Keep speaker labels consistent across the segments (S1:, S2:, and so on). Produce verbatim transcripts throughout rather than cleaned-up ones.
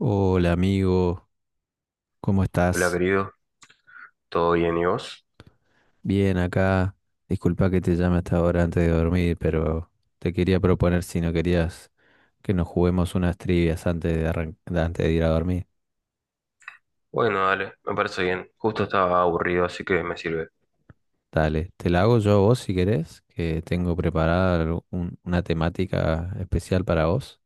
S1: Hola amigo, ¿cómo
S2: Hola
S1: estás?
S2: querido, ¿todo bien y vos?
S1: Bien acá. Disculpa que te llame hasta ahora antes de dormir, pero te quería proponer si no querías que nos juguemos unas trivias antes de arran- de antes de ir a dormir.
S2: Bueno, dale, me parece bien. Justo estaba aburrido, así que me sirve.
S1: Dale, te la hago yo a vos si querés, que tengo preparada algo- un- una temática especial para vos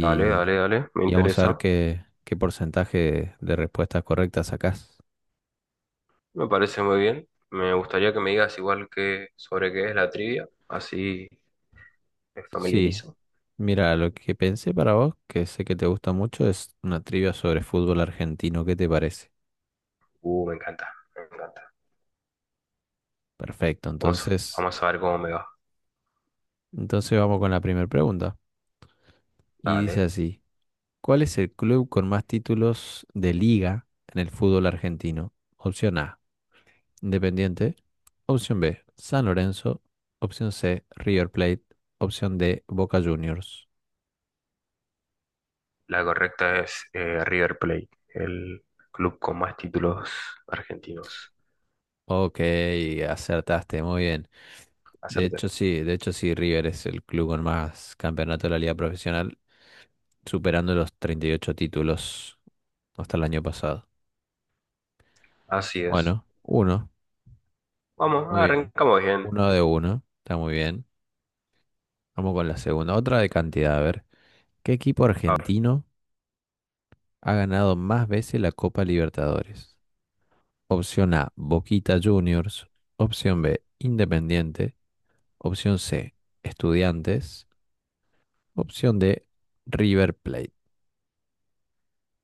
S2: Dale, dale, dale, me
S1: y vamos a ver
S2: interesa.
S1: qué, qué porcentaje de respuestas correctas sacás.
S2: Me parece muy bien. Me gustaría que me digas igual que sobre qué es la trivia, así me
S1: Sí,
S2: familiarizo.
S1: mira, lo que pensé para vos, que sé que te gusta mucho, es una trivia sobre fútbol argentino. ¿Qué te parece?
S2: Uh, me encanta, me encanta.
S1: Perfecto,
S2: Vamos,
S1: entonces,
S2: vamos a ver cómo me va.
S1: entonces vamos con la primera pregunta. Y dice
S2: Dale.
S1: así, ¿cuál es el club con más títulos de liga en el fútbol argentino? Opción A, Independiente. Opción B, San Lorenzo. Opción C, River Plate. Opción D, Boca Juniors.
S2: La correcta es eh, River Plate, el club con más títulos argentinos.
S1: Ok, acertaste, muy bien. De
S2: Acerté.
S1: hecho, sí, de hecho, sí, River es el club con más campeonatos de la liga profesional, superando los treinta y ocho títulos hasta el año pasado.
S2: Así es.
S1: Bueno, uno,
S2: Vamos,
S1: muy bien.
S2: arrancamos bien.
S1: Uno de uno, está muy bien. Vamos con la segunda. Otra de cantidad, a ver. ¿Qué equipo argentino ha ganado más veces la Copa Libertadores? Opción A, Boquita Juniors. Opción B, Independiente. Opción C, Estudiantes. Opción D, River Plate.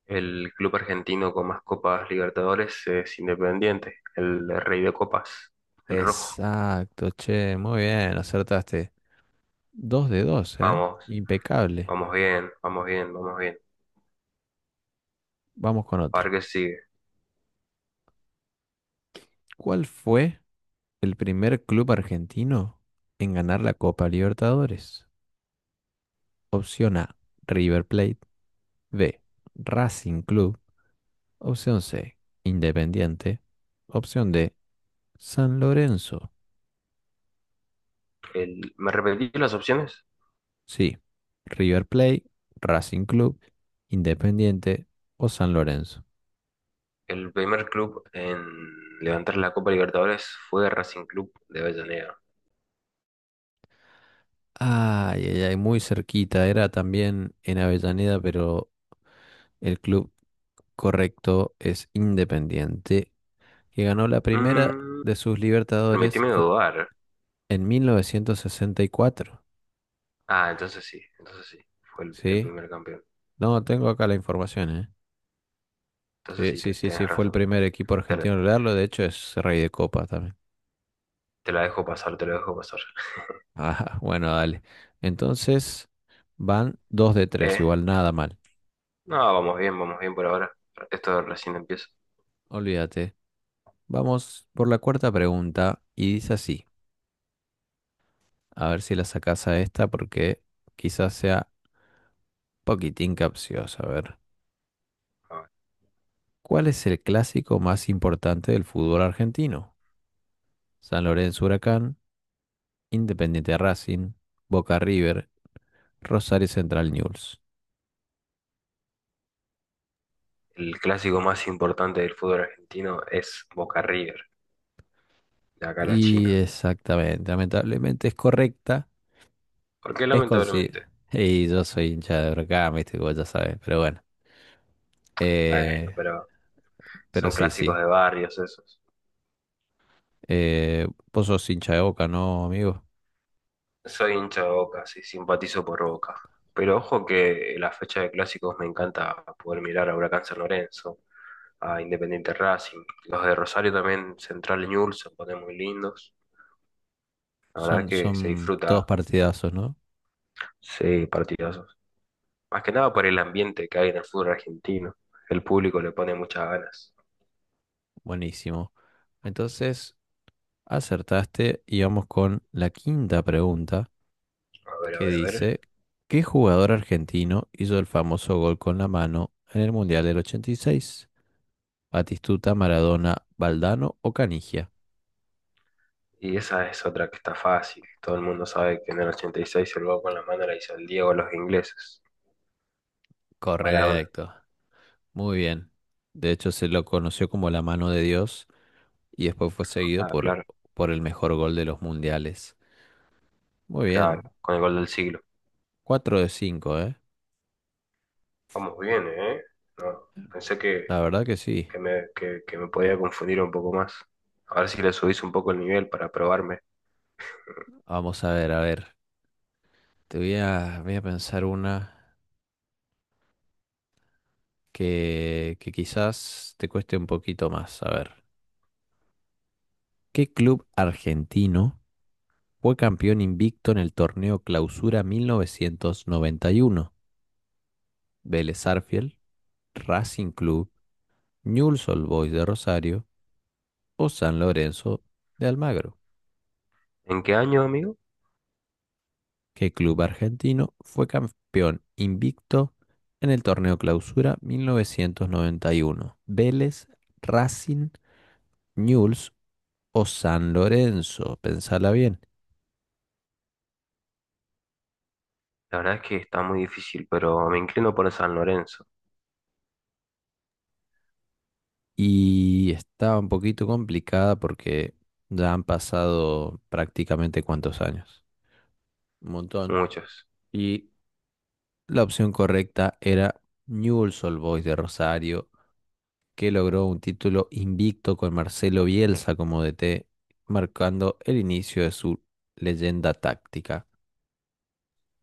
S2: El club argentino con más Copas Libertadores es Independiente, el rey de copas, el rojo.
S1: Exacto, che, muy bien, acertaste. Dos de dos, ¿eh?
S2: Vamos,
S1: Impecable.
S2: vamos bien, vamos bien, vamos bien.
S1: Vamos con
S2: A ver
S1: otra.
S2: qué sigue.
S1: ¿Cuál fue el primer club argentino en ganar la Copa Libertadores? Opción A, River Plate. B, Racing Club. Opción C, Independiente. Opción D, San Lorenzo.
S2: El, ¿me repetí las opciones?
S1: Sí, River Plate, Racing Club, Independiente o San Lorenzo.
S2: El primer club en levantar la Copa Libertadores fue Racing Club de Avellaneda.
S1: Ay, ay, ay, muy cerquita. Era también en Avellaneda, pero el club correcto es Independiente, que ganó la primera
S2: Mm,
S1: de sus Libertadores
S2: permitime
S1: en,
S2: dudar.
S1: en mil novecientos sesenta y cuatro.
S2: Ah, entonces sí, entonces sí, fue el, el
S1: ¿Sí?
S2: primer campeón.
S1: No, tengo acá la información, ¿eh?
S2: Entonces
S1: Sí,
S2: sí,
S1: sí,
S2: te,
S1: sí, sí,
S2: tenés
S1: fue el
S2: razón.
S1: primer equipo
S2: Te, la
S1: argentino en lograrlo. De hecho, es rey de copa también.
S2: Te la dejo pasar, te la dejo pasar.
S1: Ah, bueno, dale. Entonces, van dos de tres,
S2: Eh,
S1: igual nada mal.
S2: no, vamos bien, vamos bien por ahora. Esto recién empieza.
S1: Olvídate. Vamos por la cuarta pregunta y dice así. A ver si la sacás a esta porque quizás sea poquitín capciosa. A ver,
S2: Ah,
S1: ¿cuál es el clásico más importante del fútbol argentino? San Lorenzo Huracán, Independiente Racing, Boca River, Rosario Central News.
S2: el clásico más importante del fútbol argentino es Boca River, de acá a la
S1: Y
S2: China.
S1: exactamente, lamentablemente es correcta,
S2: ¿Por qué
S1: es consi-
S2: lamentablemente?
S1: y yo soy hincha de Huracán, viste, como ya sabes, pero bueno.
S2: Bueno,
S1: Eh,
S2: pero
S1: pero
S2: son
S1: sí,
S2: clásicos
S1: sí.
S2: de barrios esos.
S1: Eh, vos sos hincha de Boca, ¿no, amigo?
S2: Soy hincha de Boca, sí, simpatizo por Boca. Pero ojo que en la fecha de clásicos me encanta poder mirar a Huracán San Lorenzo, a Independiente Racing, los de Rosario también, Central y Newell's se ponen muy lindos. La verdad
S1: Son,
S2: que se
S1: son todos
S2: disfruta,
S1: partidazos, ¿no?
S2: sí, partidazos. Más que nada por el ambiente que hay en el fútbol argentino. El público le pone muchas ganas.
S1: Buenísimo. Entonces, acertaste y vamos con la quinta pregunta
S2: A ver, a
S1: que
S2: ver, a ver.
S1: dice, ¿qué jugador argentino hizo el famoso gol con la mano en el Mundial del ochenta y seis? ¿Batistuta, Maradona, Valdano o Canigia?
S2: Y esa es otra que está fácil. Todo el mundo sabe que en el ochenta y seis el gol con la mano la hizo el Diego a los ingleses. Maradona.
S1: Correcto. Muy bien. De hecho, se lo conoció como la mano de Dios y después fue seguido
S2: Ah,
S1: por,
S2: claro,
S1: por el mejor gol de los mundiales. Muy
S2: claro.
S1: bien.
S2: Con el gol del siglo.
S1: Cuatro de cinco, ¿eh?
S2: Vamos bien, ¿eh? No, pensé
S1: La
S2: que,
S1: verdad que sí.
S2: que me, que, que me podía confundir un poco más. A ver si le subís un poco el nivel para probarme.
S1: Vamos a ver, a ver. Te voy a, voy a pensar una que, que quizás te cueste un poquito más. A ver, ¿qué club argentino fue campeón invicto en el torneo Clausura mil novecientos noventa y uno? ¿Vélez Arfiel, Racing Club, Newell's Old Boys de Rosario o San Lorenzo de Almagro?
S2: ¿En qué año, amigo?
S1: ¿Qué club argentino fue campeón invicto en el torneo Clausura mil novecientos noventa y uno? ¿Vélez, Racing, Newell's o San Lorenzo, pensala bien.
S2: La verdad es que está muy difícil, pero me inclino por el San Lorenzo.
S1: Y estaba un poquito complicada porque ya han pasado prácticamente cuántos años, un montón.
S2: Muchos.
S1: Y la opción correcta era Newell's Old Boys de Rosario, que logró un título invicto con Marcelo Bielsa como D T, marcando el inicio de su leyenda táctica.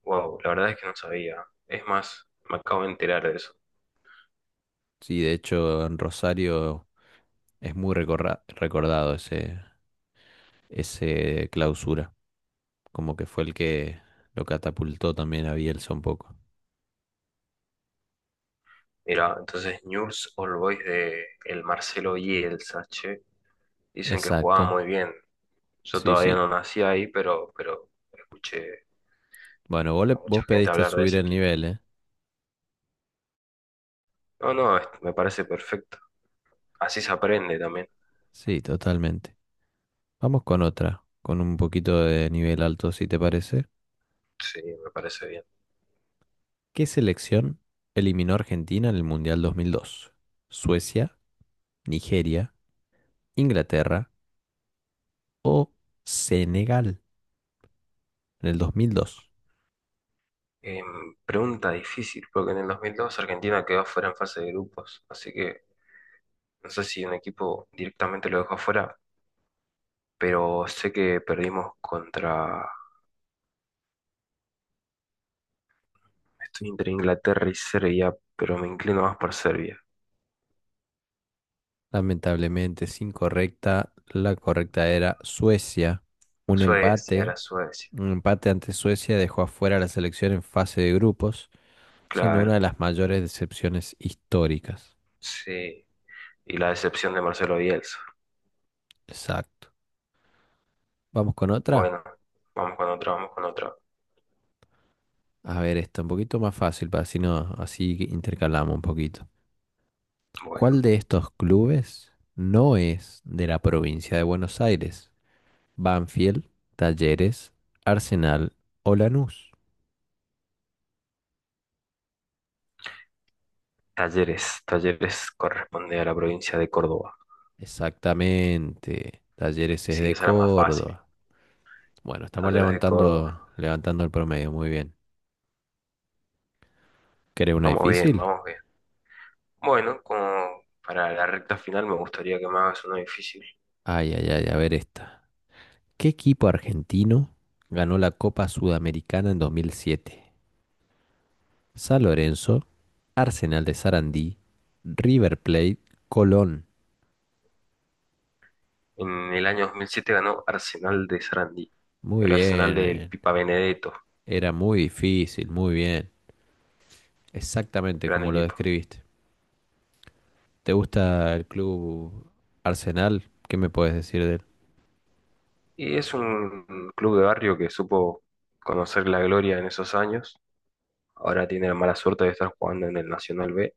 S2: Wow, la verdad es que no sabía. Es más, me acabo de enterar de eso.
S1: Sí, de hecho, en Rosario es muy recorra- recordado ese, ese clausura. Como que fue el que lo catapultó también a Bielsa un poco.
S2: Mira, entonces Newell's Old Boys de el Marcelo Bielsa, che, dicen que jugaba
S1: Exacto.
S2: muy bien. Yo
S1: Sí,
S2: todavía
S1: sí.
S2: no nací ahí, pero, pero escuché
S1: Bueno, vos, le-
S2: a mucha
S1: vos
S2: gente
S1: pediste
S2: hablar de
S1: subir
S2: ese
S1: el
S2: equipo.
S1: nivel, ¿eh?
S2: No, no, es- me parece perfecto. Así se aprende también.
S1: Sí, totalmente. Vamos con otra, con un poquito de nivel alto, si te parece.
S2: Sí, me parece bien.
S1: ¿Qué selección eliminó a Argentina en el Mundial dos mil dos? ¿Suecia, Nigeria, Inglaterra o Senegal? En el dos mil dos.
S2: Em, pregunta difícil, porque en el dos mil dos Argentina quedó fuera en fase de grupos, así que no sé si un equipo directamente lo dejó fuera, pero sé que perdimos contra... Estoy entre Inglaterra y Serbia, pero me inclino más por Serbia.
S1: Lamentablemente sin correcta, la correcta era Suecia. Un
S2: Suecia,
S1: empate,
S2: era Suecia.
S1: un empate ante Suecia dejó afuera a la selección en fase de grupos, siendo
S2: Claro.
S1: una de las mayores decepciones históricas.
S2: Sí. Y la decepción de Marcelo Bielsa.
S1: Exacto. Vamos con otra.
S2: Bueno, vamos con otra, vamos con otra.
S1: A ver, esta un poquito más fácil, para así no, así que intercalamos un poquito. ¿Cuál
S2: Bueno,
S1: de estos clubes no es de la provincia de Buenos Aires? Banfield, Talleres, Arsenal o Lanús.
S2: Talleres. Talleres corresponde a la provincia de Córdoba.
S1: Exactamente. Talleres es
S2: Sí,
S1: de
S2: esa era más fácil.
S1: Córdoba. Bueno, estamos
S2: Talleres de Córdoba.
S1: levantando, levantando el promedio, muy bien. ¿Querés una
S2: Vamos bien,
S1: difícil?
S2: vamos bien. Bueno, como para la recta final me gustaría que me hagas uno difícil.
S1: Ay, ay, ay, a ver esta. ¿Qué equipo argentino ganó la Copa Sudamericana en dos mil siete? San Lorenzo, Arsenal de Sarandí, River Plate, Colón.
S2: En el año dos mil siete ganó Arsenal de Sarandí.
S1: Muy
S2: El Arsenal del
S1: bien.
S2: Pipa Benedetto.
S1: Era muy difícil, muy bien. Exactamente
S2: Gran
S1: como lo
S2: equipo.
S1: describiste. ¿Te gusta el club Arsenal? ¿Qué me puedes decir?
S2: Y es un club de barrio que supo conocer la gloria en esos años. Ahora tiene la mala suerte de estar jugando en el Nacional B.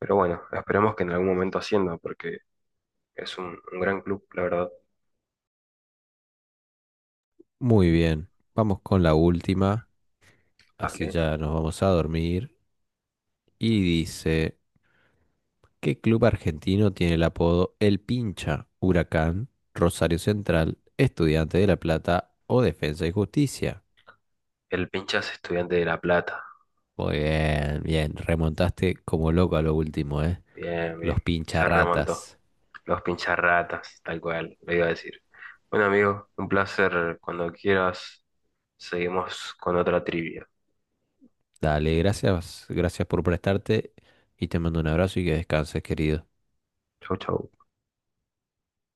S2: Pero bueno, esperemos que en algún momento ascienda porque es un, un gran club, la verdad.
S1: Muy bien, vamos con la última, así
S2: Hablé.
S1: ya nos vamos a dormir. Y dice, ¿qué club argentino tiene el apodo El Pincha? Huracán, Rosario Central, Estudiante de La Plata o Defensa y Justicia.
S2: El Pinchas Estudiante de La Plata.
S1: Muy bien, bien, remontaste como loco a lo último, ¿eh?
S2: Bien, bien.
S1: Los
S2: Se remontó.
S1: pincharratas.
S2: Los Pincharratas, tal cual, lo iba a decir. Bueno, amigo, un placer. Cuando quieras, seguimos con otra trivia.
S1: Dale, gracias, gracias por prestarte y te mando un abrazo y que descanses, querido.
S2: Chau, chau.